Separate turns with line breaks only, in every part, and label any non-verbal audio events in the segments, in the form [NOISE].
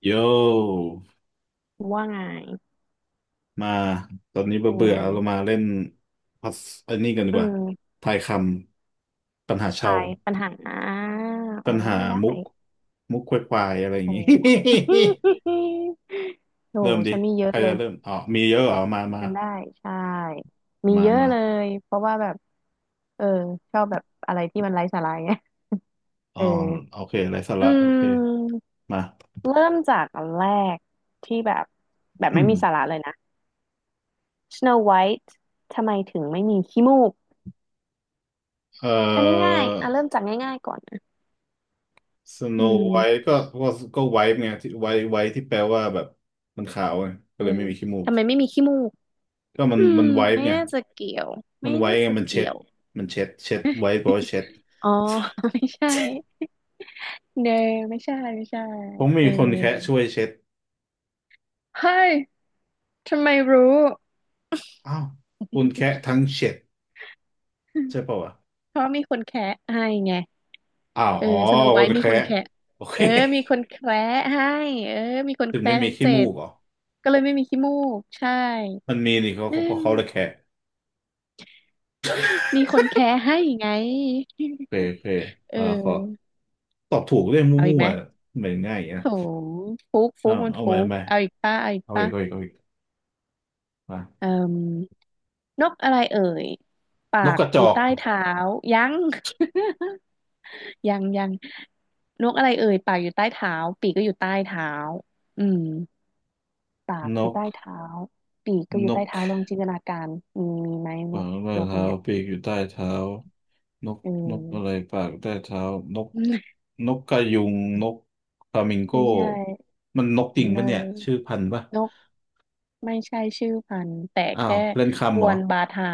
โย
ว่าไง
มา ตอนนี้เบื่
เป็
อ
น
เบื่อ
ไง
เรามาเล่นพัซอันนี้กันดี
อื
กว่า
ม
ทายคำปัญหาชา
ทา
ว
ยปัญหาโอ้
ปัญหา
ได้
มุก มุกควายๆอะไรอย่าง
โอ้
งี้
[LAUGHS] โอ้
[LAUGHS] เริ่มดิ
ฉันมีเย
ใค
อะ
ร
เล
จะ
ย
เริ่มอ๋อมีเยอะเหรอมามา
ฉันได้ ใช่ มี
มา
เยอะ
มา
เลยเพราะว่าแบบเออชอบแบบอะไรที่มันไร้สาระไง [LAUGHS]
อ๋อ
เออ
โอเคไรสา
อื
ระโอเค
ม
มา
เริ่มจากอันแรกที่แบบไม่มีสาระเล
[CLEARS THROAT]
ยนะ Snow White ทำไมถึงไม่มีขี้มูก
เอ่
อันนี้ง่า
อ
ยอ่ะเริ่มจากง่ายๆก่อนนะ
สโน
อื
ไว
ม
ท์ก็ก็ก็ไวท์ไงที่ไวท์ไวท์ที่แปลว่าแบบมันขาวไงก็
เออ
เลยไม่มีขี้มูก
ทำไมไม่มีขี้มูก
ก็มัน
อืม
มันไวท์
ไม่
ไง
น่าจะเกี่ยว
มั
ไม่
นไว้
น่า
ไง
จะ
มัน
เกี่
เช็ด
ยว
มันเช็ดไว้เพราะว่าเช็ด
อ๋อ [LAUGHS] ไม่ใช่เนอไม่ใช่ไม่ใช่
ผมมี
เออ
คนแคะช่วยเช็ด
เฮ้ยทำไมรู้
อ้าวคุณแคะทั้งเช็ด
[LAUGHS]
ใช่ป่าวะ
เพราะมีคนแคะให้ไง
อ้าว
เออ
อ๋อ
สโน
ค
ไว
น
ท์มีค
แคะ
นแคะ
โอเค
เออมีคนแคระให้เออมีคน
ถึ
แค
ง
ระ
ไม่มี
ทั้ง
ขี้
เจ็
มู
ด
กเหรอ
ก็เลยไม่มีขี้มูกใช่
มันมีนี่เขา
อื
เขาเพราะเขาเลย
ม
แคะ
มีคนแคระให้ไง
โอเคโอเค
เอ
อ่าขอ
อ
ตอบถูกเรื่อง
เอาอี
มั่
ก
ว
ไหม
ๆเหมือนง่ายอย่างเงี้
โถ
ย
ฟุกฟุ
อ้า
ก
ว
มัน
เอา
ฟุ
ไปเอา
ก
ไป
เอาอีกป่ะเอาอีก
เอาอี
ป่ะ
กเอาอีกเอาอีกมา
เออ นกอะไรเอ่ยปา
นกก
ก
ระจ
อยู่
อก
ใต้เท้ายัง [LAUGHS] ยังยังนกอะไรเอ่ยปากอยู่ใต้เท้าปีกก็อยู่ใต้เท้าอืมปาก
น
อยู่
ก
ใต้เท้าปีกก็อ
น
ยู่ใต้
ก
เท้าลองจินตนาการมีมีไหม
ข
น
วา
ก
งใต้
นกอัน
เท้า
เนี้ย
ปีกอยู่ใต้เท้านก
อื
นกอะไร
ม
ปากใต้เท้านก
[LAUGHS]
นกกระยุงนกฟลามิงโก้
ไม่ใช่
มันนกจริง
เน
ปะเนี่
ย
ยชื่อพันธุ์ปะ
นกไม่ใช่ชื่อพันธุ์แต่
อ้าว
แค่
เล่น
ก
คำเหร
ว
อ
นบาทา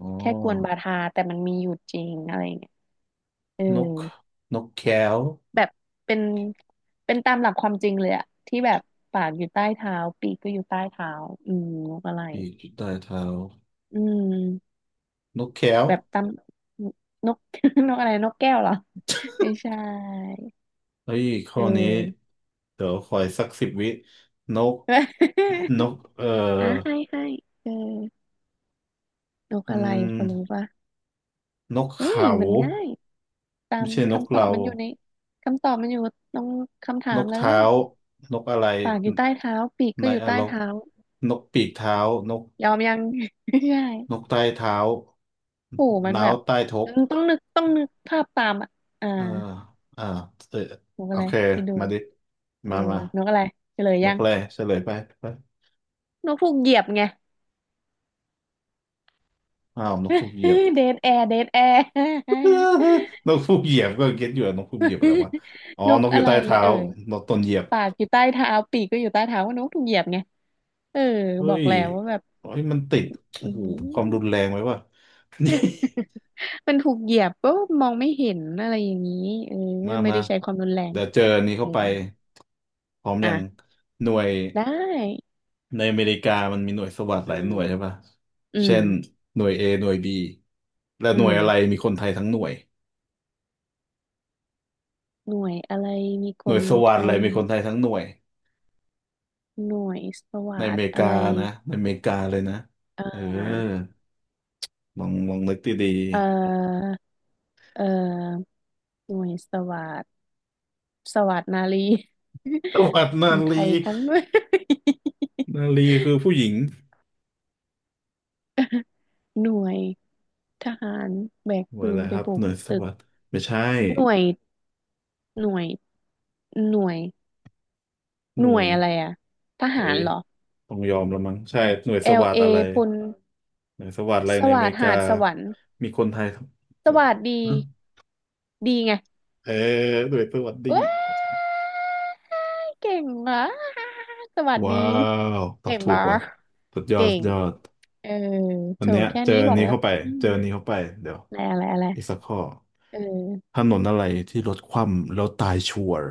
อ๋อ
แค่กวนบาทาแต่มันมีอยู่จริงอะไรอย่างเงี้ยเออ
นกนกแก้ว
แบบเป็นเป็นตามหลักความจริงเลยอะที่แบบปากอยู่ใต้เท้าปีกก็อยู่ใต้เท้านกอะไร
ปีกอยู่ใต้เท้า
อืม
นกแก้ว
แบบตามนก [LAUGHS] นกอะไรนกแก้วเหรอไม่ใช่
เฮ้ยข้
เอ
อนี้
อ
เดี๋ยวขออีกสักสิบวินกนก
[LAUGHS] อ่ะให้ให้เออนก
อื
อะไรพ
ม
อรู้ปะ
นก
เฮ้ย
เขา
มันง่ายตา
ไม่
ม
ใช่นก
คำตอ
เรา
บมันอยู่ในคำตอบมันอยู่ตรงคำถา
น
ม
ก
เลย
เท้า นกอะไร
ปากอยู่ใต้เท้าปีก
ใน
ก็อยู่
อ
ใต้
รก
เท้า
นกปีกเท้า นก
ยอมยัง [LAUGHS] ไม่ใช่
นกใต้เท้า
โหมัน
น้า
แบ
ว
บ
ใต้ทก
ต้องนึกภาพตามอ่ะอ่า
เอออ่าเออ
นก
โอ
อะไร
เค
คิดดู
มาดิ
เออ
มามา
นกอะไรเฉลย
น
ยั
ก
ง
แร่เฉลยไปไป
นกถูกเหยียบไง
อ้าวนกถูกเหยียบ
[LAUGHS] เดดแอร์เดดแอร์
[LAUGHS] นกถูกเหยียบก็เก็ตอยู่อะนกถูกเหยียบอะไรวะ อ๋อ
[LAUGHS] นก
นกอ
อะ
ยู่
ไร
ใต้เท้า
เอ่ย
นกตนเหยียบ
ปากอยู่ใต้เท้าปีกก็อยู่ใต้เท้าว่านกถูกเหยียบไงเออ
เฮ้
บอก
ย
แล้วว่าแบบ
เฮ้ยมันติด
[LAUGHS]
โอ้
อื
โห
ม
ความรุนแรงไว้ว่ะ [LAUGHS]
[LAUGHS] มันถูกเหยียบก็มองไม่เห็นอะไรอย่างนี้เออ
มา
ไม่
มา
ได้ใช้ความรุนแรง
เดี๋ยวเจออันนี้
เอ
เข้า
อ
ไปพร้อมอย่าง
อ่ะ
หน่วย
ได้
ในอเมริกามันมีหน่วยสวัสดห
อื
ลายหน่วยใช่
ม
ปะ
อื
เช่น
ม
หน่วย A หน่วย B และ
อื
หน่วยอะไร
ม
มีคนไทยทั้งหน่วย
หน่วยอะไรมีก
หน่วย
ล
สวั
ไก
สดอะไรมีคนไทยทั้งหน่วย
หน่วยสวั
ในอ
สด
เมริ
อะ
กา
ไร
นะในอเมริกาเลยนะ
อ่
เออ
า
ลองลองนึกดี
เอ่อเอ่อหน่วยสวัสดสวัสดนารี
ๆสวัสด
[LAUGHS] ค
นา
นไท
รี
ยทั้งด้วย [LAUGHS]
นารีคือผู้หญิง
หน่วยทหารแบก
หน่ว
ปื
ยอะ
น
ไร
ไป
ครับ
บุ
ห
ก
น่วยส
ตึก
วัสดไม่ใช่
หน่วยหน่วยหน่วย
ห
ห
น่
น่ว
ว
ย
ย
อะไรอะท
เอ้
หาร
ย
เหรอ
ต้องยอมแล้วมั้งใช่หน่วยสวัสด
LA
อะไร
พล
หนังสวัสดอะไร
ส
ในอ
วั
เม
สด
ริกา
หาดสวรรค์
มีคนไทย
ส
โอ้
วั
โห
สดีดีไง
เออหน่วยสวัสดี
ว้ายเก่งมากสวัสดี
ว้าวตอบ
เก่ง
ถูก
บา
ว่ะ
ร์
สุดยอด
เก่
สุด
ง
ยอด
เออ
วั
โถ
นเนี้ย
แค่
เจอ
นี้
อั
บ
น
อก
นี้
แล้ว
เข้าไป
อื
เจ
ม
ออันนี้เข้าไปเดี๋ยว
อะไรอะไรอะไร
อีกสักข้อ
เออ
ถนนอะไรที่รถคว่ำแล้วตายชัวร์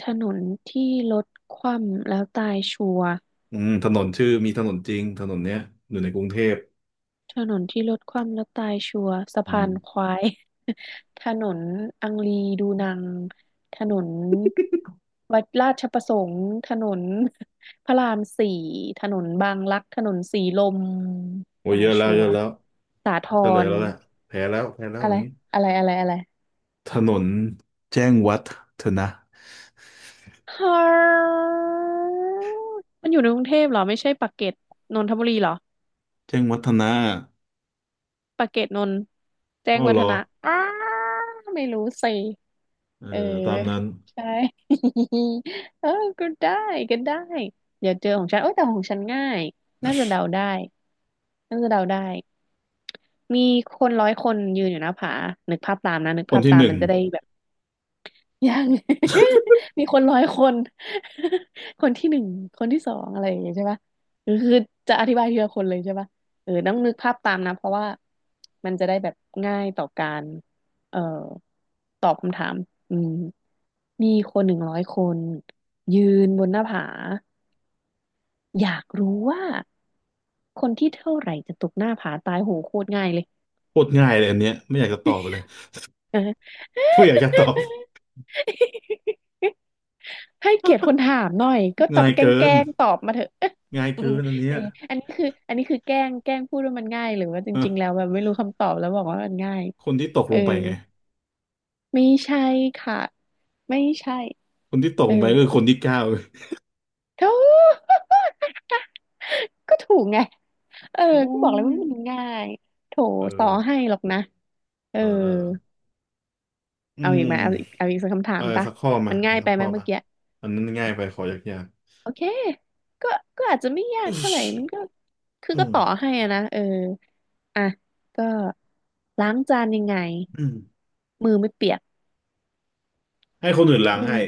ถนนที่รถคว่ำแล้วตายชัวร์
อืมถนนชื่อมีถนนจริงถนนเนี้ยอยู่ในกรุงเทพ
ถนนที่รถคว่ำแล้วตายชัวร์สะ
อื
พา
ม
นควาย [LAUGHS] ถนนอังรีดูนังถนนวัดราชประสงค์ถนน [LAUGHS] พระรามสี่ถนนบางรักถนนสีลม
โอ้ย
ตา
เย
ย
อะแล้ว
ชั
เย
ว
อะ
ร์
แล้ว
สาท
เฉลย
ร
แล้วแหละแพ้แล้วแพ้แล้ว
อะ
อย่า
ไร
งนี้
อะไร
ถนนแจ้งวัฒนะ
ฮามันอยู่ในกรุงเทพเหรอไม่ใช่ปากเกร็ดนนทบุรีเหรอ
แจ้งวัฒนะ
ปากเกร็ดนนท์แจ้ง
อ้าว
วั
เหร
ฒ
อ
นะอ้าไม่รู้สิ
เออ
เออ
ตามนั้น
ใช่ [LAUGHS] เออก็ได้ก็ได้เดี๋ยวเจอของฉันเอ้ยแต่ของฉันง่ายน่าจะเดาได้น่าจะเดาได้มีคนร้อยคนยืนอยู่หน้าผานึกภาพตามนะนึก
คน
ภาพ
ที่
ตา
ห
ม
นึ่ง
มันจะได้แบบ ยัง [LAUGHS] มีคนร้อยคน [LAUGHS] คนที่หนึ่งคนที่สองอะไรอย่างเงี้ยใช่ปะคือจะอธิบายทีละคนเลยใช่ปะเออต้องนึกภาพตามนะเพราะว่ามันจะได้แบบง่ายต่อการเอ่อตอบคำถามอืมมีคนหนึ่งร้อยคนยืนบนหน้าผาอยากรู้ว่าคนที่เท่าไหร่จะตกหน้าผาตายโหโคตรง่ายเลย
โคตรง่ายเลยอันเนี้ยไม่อยากจะตอบเลย
เออ
[LAUGHS] ไม่อยากจะตอบ
ให้เกียรติคนถามหน่อยก็ตอ
ง่า
บ
ย
แกล้
เกิ
งแก
น
ล้งตอบมาเถอะ
ง่าย
[LAUGHS] อื
เกิ
ม
นอันเนี้ย
อันนี้คืออันนี้คือแกล้งแกล้งพูดว่ามันง่ายหรือว่าจ
เอ
ริงๆแล้ว
อ
แบบไม่รู้คำตอบแล้วบอกว่ามันง่าย
คนที่ตก
เอ
ล
อ
งไปไง
ไม่ใช่ค่ะไม่ใช่
คนที่ตก
เออ
ลงไปก็คือคนที่เก้า
เท่า [LAUGHS] ก็ถูกไงเออ
โอ้
ก็บอกเลย
ย
ว่ามันง่ายโถ
เออ
ต่อให้หรอกนะเออ
เออเอออื
เอาอีกไหม
ม
เอาอีกเอาอีกสักคำถา
เออ
มปะ
สักข้อมา
มันง่า
มา
ย
สั
ไป
ก
ไหม
ข้อ
เมื่
มา
อกี้
อันนั้นง่ายไปขอยาก
โอเค ก็ก็อาจจะไม่
ๆ
ยาก
อึ๊
เท่าไหร่
ช
มันก็คือ
[COUGHS] อื
ก็
ม
ต่อให้อะนะเอออ่ะก็ล้างจานยังไง
อืม
มือไม่เปียก
ให้คนอื่นล้าง
อื
ให้
ม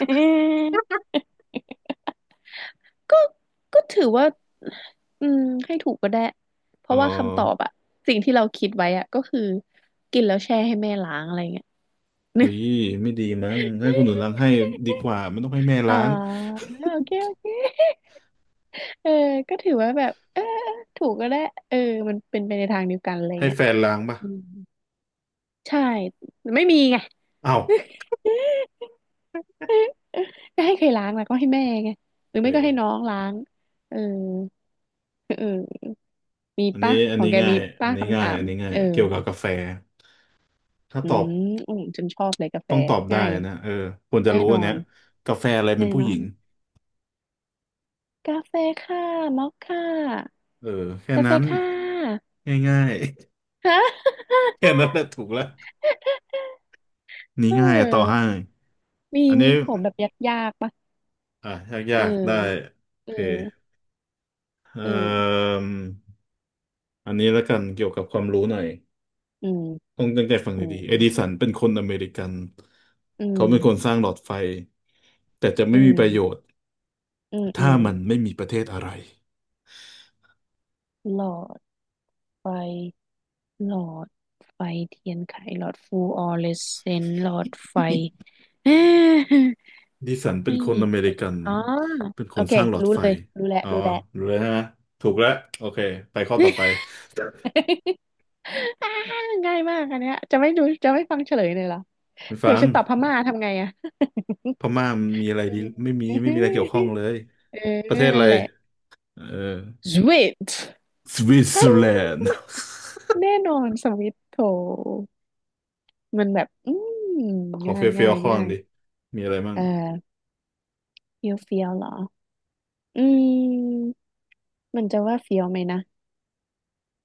[LAUGHS] เออก็ก็ถือว่าอืมให้ถูกก็ได้เพ
อ๋อ
ราะว่าคำตอบอะสิ่งที่เราคิดไว้อะก็คือกินแล้วแช่ให้แม่ล้างอะไรเงี้ย
เฮ้ยไม่ดีมั้งให้คนอื่น
[LAUGHS]
ล้างให้ดีกว่ามันต้องให้แม่
อ๋อ
ล้าง
โอ
[LAUGHS]
เคโอเคเออก็ถือว่าแบบเออถูกก็ได้เออมันเป็นไปในทางเดียวกันอะไร
ให้
เงี้ย
แฟนล้างปะ
อืมใช่ไม่มีไง
เอ้า
ก็ให้ใครล้างล่ะก็ให้แม่ไงหรื
โอ
อ
เ
ไม่ก็ให้น้อ
ค
งล้างเออเออมี
อันนี้
ปะ
อั
ข
น
อง
นี้
แก
ง่า
มี
ยอั
ปะ
นนี้
คำ
ง่า
ถา
ยอั
ม
นนี้ง่า
เอ
ย
อ
เกี่ยวกับกาแฟถ้า
อื
ตอบ
มฉันชอบเลยกาแฟ
ต้องตอบได้
ง่ายเลย
นะเออควรจะ
แน่
รู้
นอ
อันเนี้
น
ยกาแฟอะไรเป็
แน่
นผู้
น
ห
อ
ญิ
น
ง
กาแฟค่ะมอคค่ะ
เออแค่
กาแฟ
นั้น
ค่ะ
ง่าย
ฮะ [LAUGHS]
ๆ [LAUGHS] แค่นั้นแหละถูกแล้วนี่
เ
ง่ายต่อ
ออ
ให้
มี
อัน
มี
นี้
ของแบบยากๆปะ
อ่ะ
เอ
ยากๆได้
อ
โอ
เอ
เค
อ
เอ่
เออ
มอันนี้แล้วกันเกี่ยวกับความรู้หน่อย
อืม
ต้องตั้งใจฟัง
อื
ดี
ม
ๆเอดิสันเป็นคนอเมริกัน
อื
เขาเป็นคน
ม
สร้างหลอดไฟแต่จะ
อื
ไม่มีประโย
ม
ชน์
อืมอื
ถ้า
ม
มันไม่มีประเทศอะไร
หลอดไฟ หลอดไฟเทียนไขหลอดฟลูออเรสเซนต์หลอดไฟเอ๊ะ
ดิสัน
[LAUGHS]
เป็น
ไม่
คน
มี
อเม
ป
ริ
ระเด็
กั
น
น
อ๋อ
เป็นค
โอ
น
เค
สร้างหลอด
รู้
ไฟ
เลยรู้แล้ว
อ๋อ
รู้แล้ว
รู้แล้วใช่ไหมถูกแล้วโอเคไปข้อต่อไป
[LAUGHS] อ่าง่ายมากอันเนี้ยจะไม่ดูจะไม่ฟังเฉลยเลยเหรอ
ไม่ฟั
เผื่อ
ง
ฉันตอบพม่าทำไงอะ
พม่ามันมีอะไรดี ไม่มี
[LAUGHS]
ไม่มีอะไรเกี่ยวข้
เออ
องเลย
เออ
ประเทศอะ
นั่น
ไร
แหละ
เออ
สวิต
สวิตเซอร์แลนด์
[LAUGHS] แน่นอนสวิตโถมันแบบม
[LAUGHS] ขอ
ง่า
เฟ
ย
ี้
ง่า
ยว
ย
ๆข้อห
ง่า
นึ่ง
ย
ดิมีอะไรมั่ง
เออเฟี้ยวเฟี้ยวเหรอ อืมมันจะว่าเฟี้ยวไหมนะ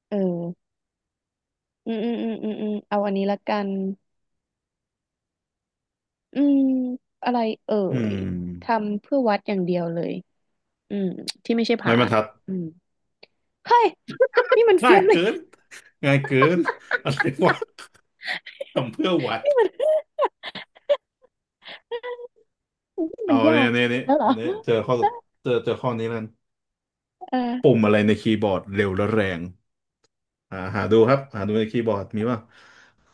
เอออืมอืมอืมอืมอืมเอาอันนี้ละกันอืมอะไรเอ่
อื
ย
ม
ทำเพื่อวัดอย่างเดียวเลยอืมที่ไม่ใช่ผา
ไม้บรรทัด
อืมเฮ้ยนี่มัน
ง่า
เฟี้
ย
ยวเล
เกิ
ย
นง่ายเกินอะไรวะทำเพื่อวั
[LAUGHS]
ด
นี่มันนี่
เอา
มันยา
เนี่ย
ก
เนี่ยเนี่ย
แล้วเหร
เอา
อ
เนี่ยเจอข้อเจอเจอข้อนี้แล้วกัน
เออ
ปุ่มอะไรในคีย์บอร์ดเร็วและแรง อ่าหาดูครับหาดูในคีย์บอร์ดมีว่า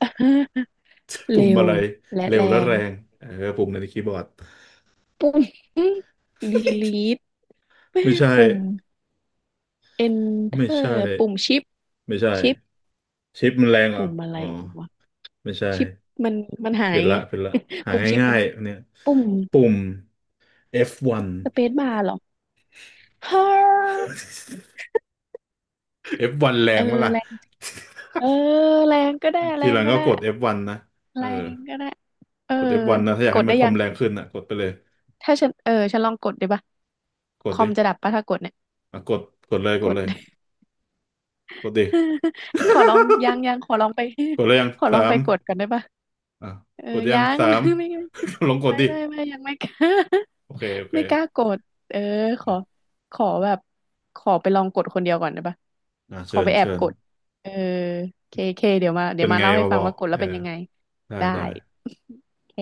[LAUGHS]
ปุ่ม
เร็ว
อะไร
และ
เร็ว
แร
และ
ง
แรงเออปุ่มในคีย์บอร์ด
ปุ่ม [LAUGHS] delete
ไม่ใช่
ปุ่ม
ไม่
enter
ใช่
ปุ่มชิป
ไม่ใช่
ชิป
ชิปมันแรงเหรอ
ปุ่มอะไร
อ๋อ
วะ
ไม่ใช่
ชิปมันมันหา
เป
ย
ลี่ยน
ไง
ละเปลี่ยนละ
[LAUGHS]
หา
ปุ่มชิป
ง่า
มัน
ยๆอันเนี้ย
ปุ่ม
ปุ่ม F1
สเปซบาร์เหรอฮ่า
F1 [LAUGHS] แร
เออ
งมั้ล่ะ
แรงเออแรงก็ได้แร
ทีห
ง
ลัง
ก็
ก็
ได้
กด F1 นนะเอ
แร
อ
งก็ได้ เออ
กด F1 นนะถ้าอยาก
ก
ให้
ด
มั
ได้
นคอ
ยั
ม
ง
แรงขึ้นอ่ะกดไปเลย
ถ้าฉันเออฉันลองกดดีป่ะ
ก
ค
ด
อ
ดิ
มจะดับป่ะถ้ากดเนี่ย
อ่ะกดกดเลยก
ก
ด
ด
เลยกดดิ
[LAUGHS] ขอลองยังยังขอลองไป
[LAUGHS] กดเลยยัง
[LAUGHS] ขอลอง
สา
ไป
ม
กดก่อนได้ปะ
อ่ะ
เออ
กดยั
ยั
ง
ง
สาม
[LAUGHS] ไม่
[LAUGHS] ลองกด
ไม่
ดิ
ไม่ไม่ไม่ยังไม่ [LAUGHS] กล้า
โอเคโอ
[LAUGHS]
เค
ไม่กล้ากดเออขอขอแบบขอไปลองกดคนเดียวก่อนได้ปะ
อ่ะ
ขอ
เชิญ
ไปแอ
เชิ
บ
ญ
กดเออเคเคเดี๋ยวมา
เป็นไง
เล่าให้
มา
ฟั
บ
ง
อก
ว่ากด
เอ
แล้ว
อ
เป็นยังไง
ได้
ได้
ได้
โอเค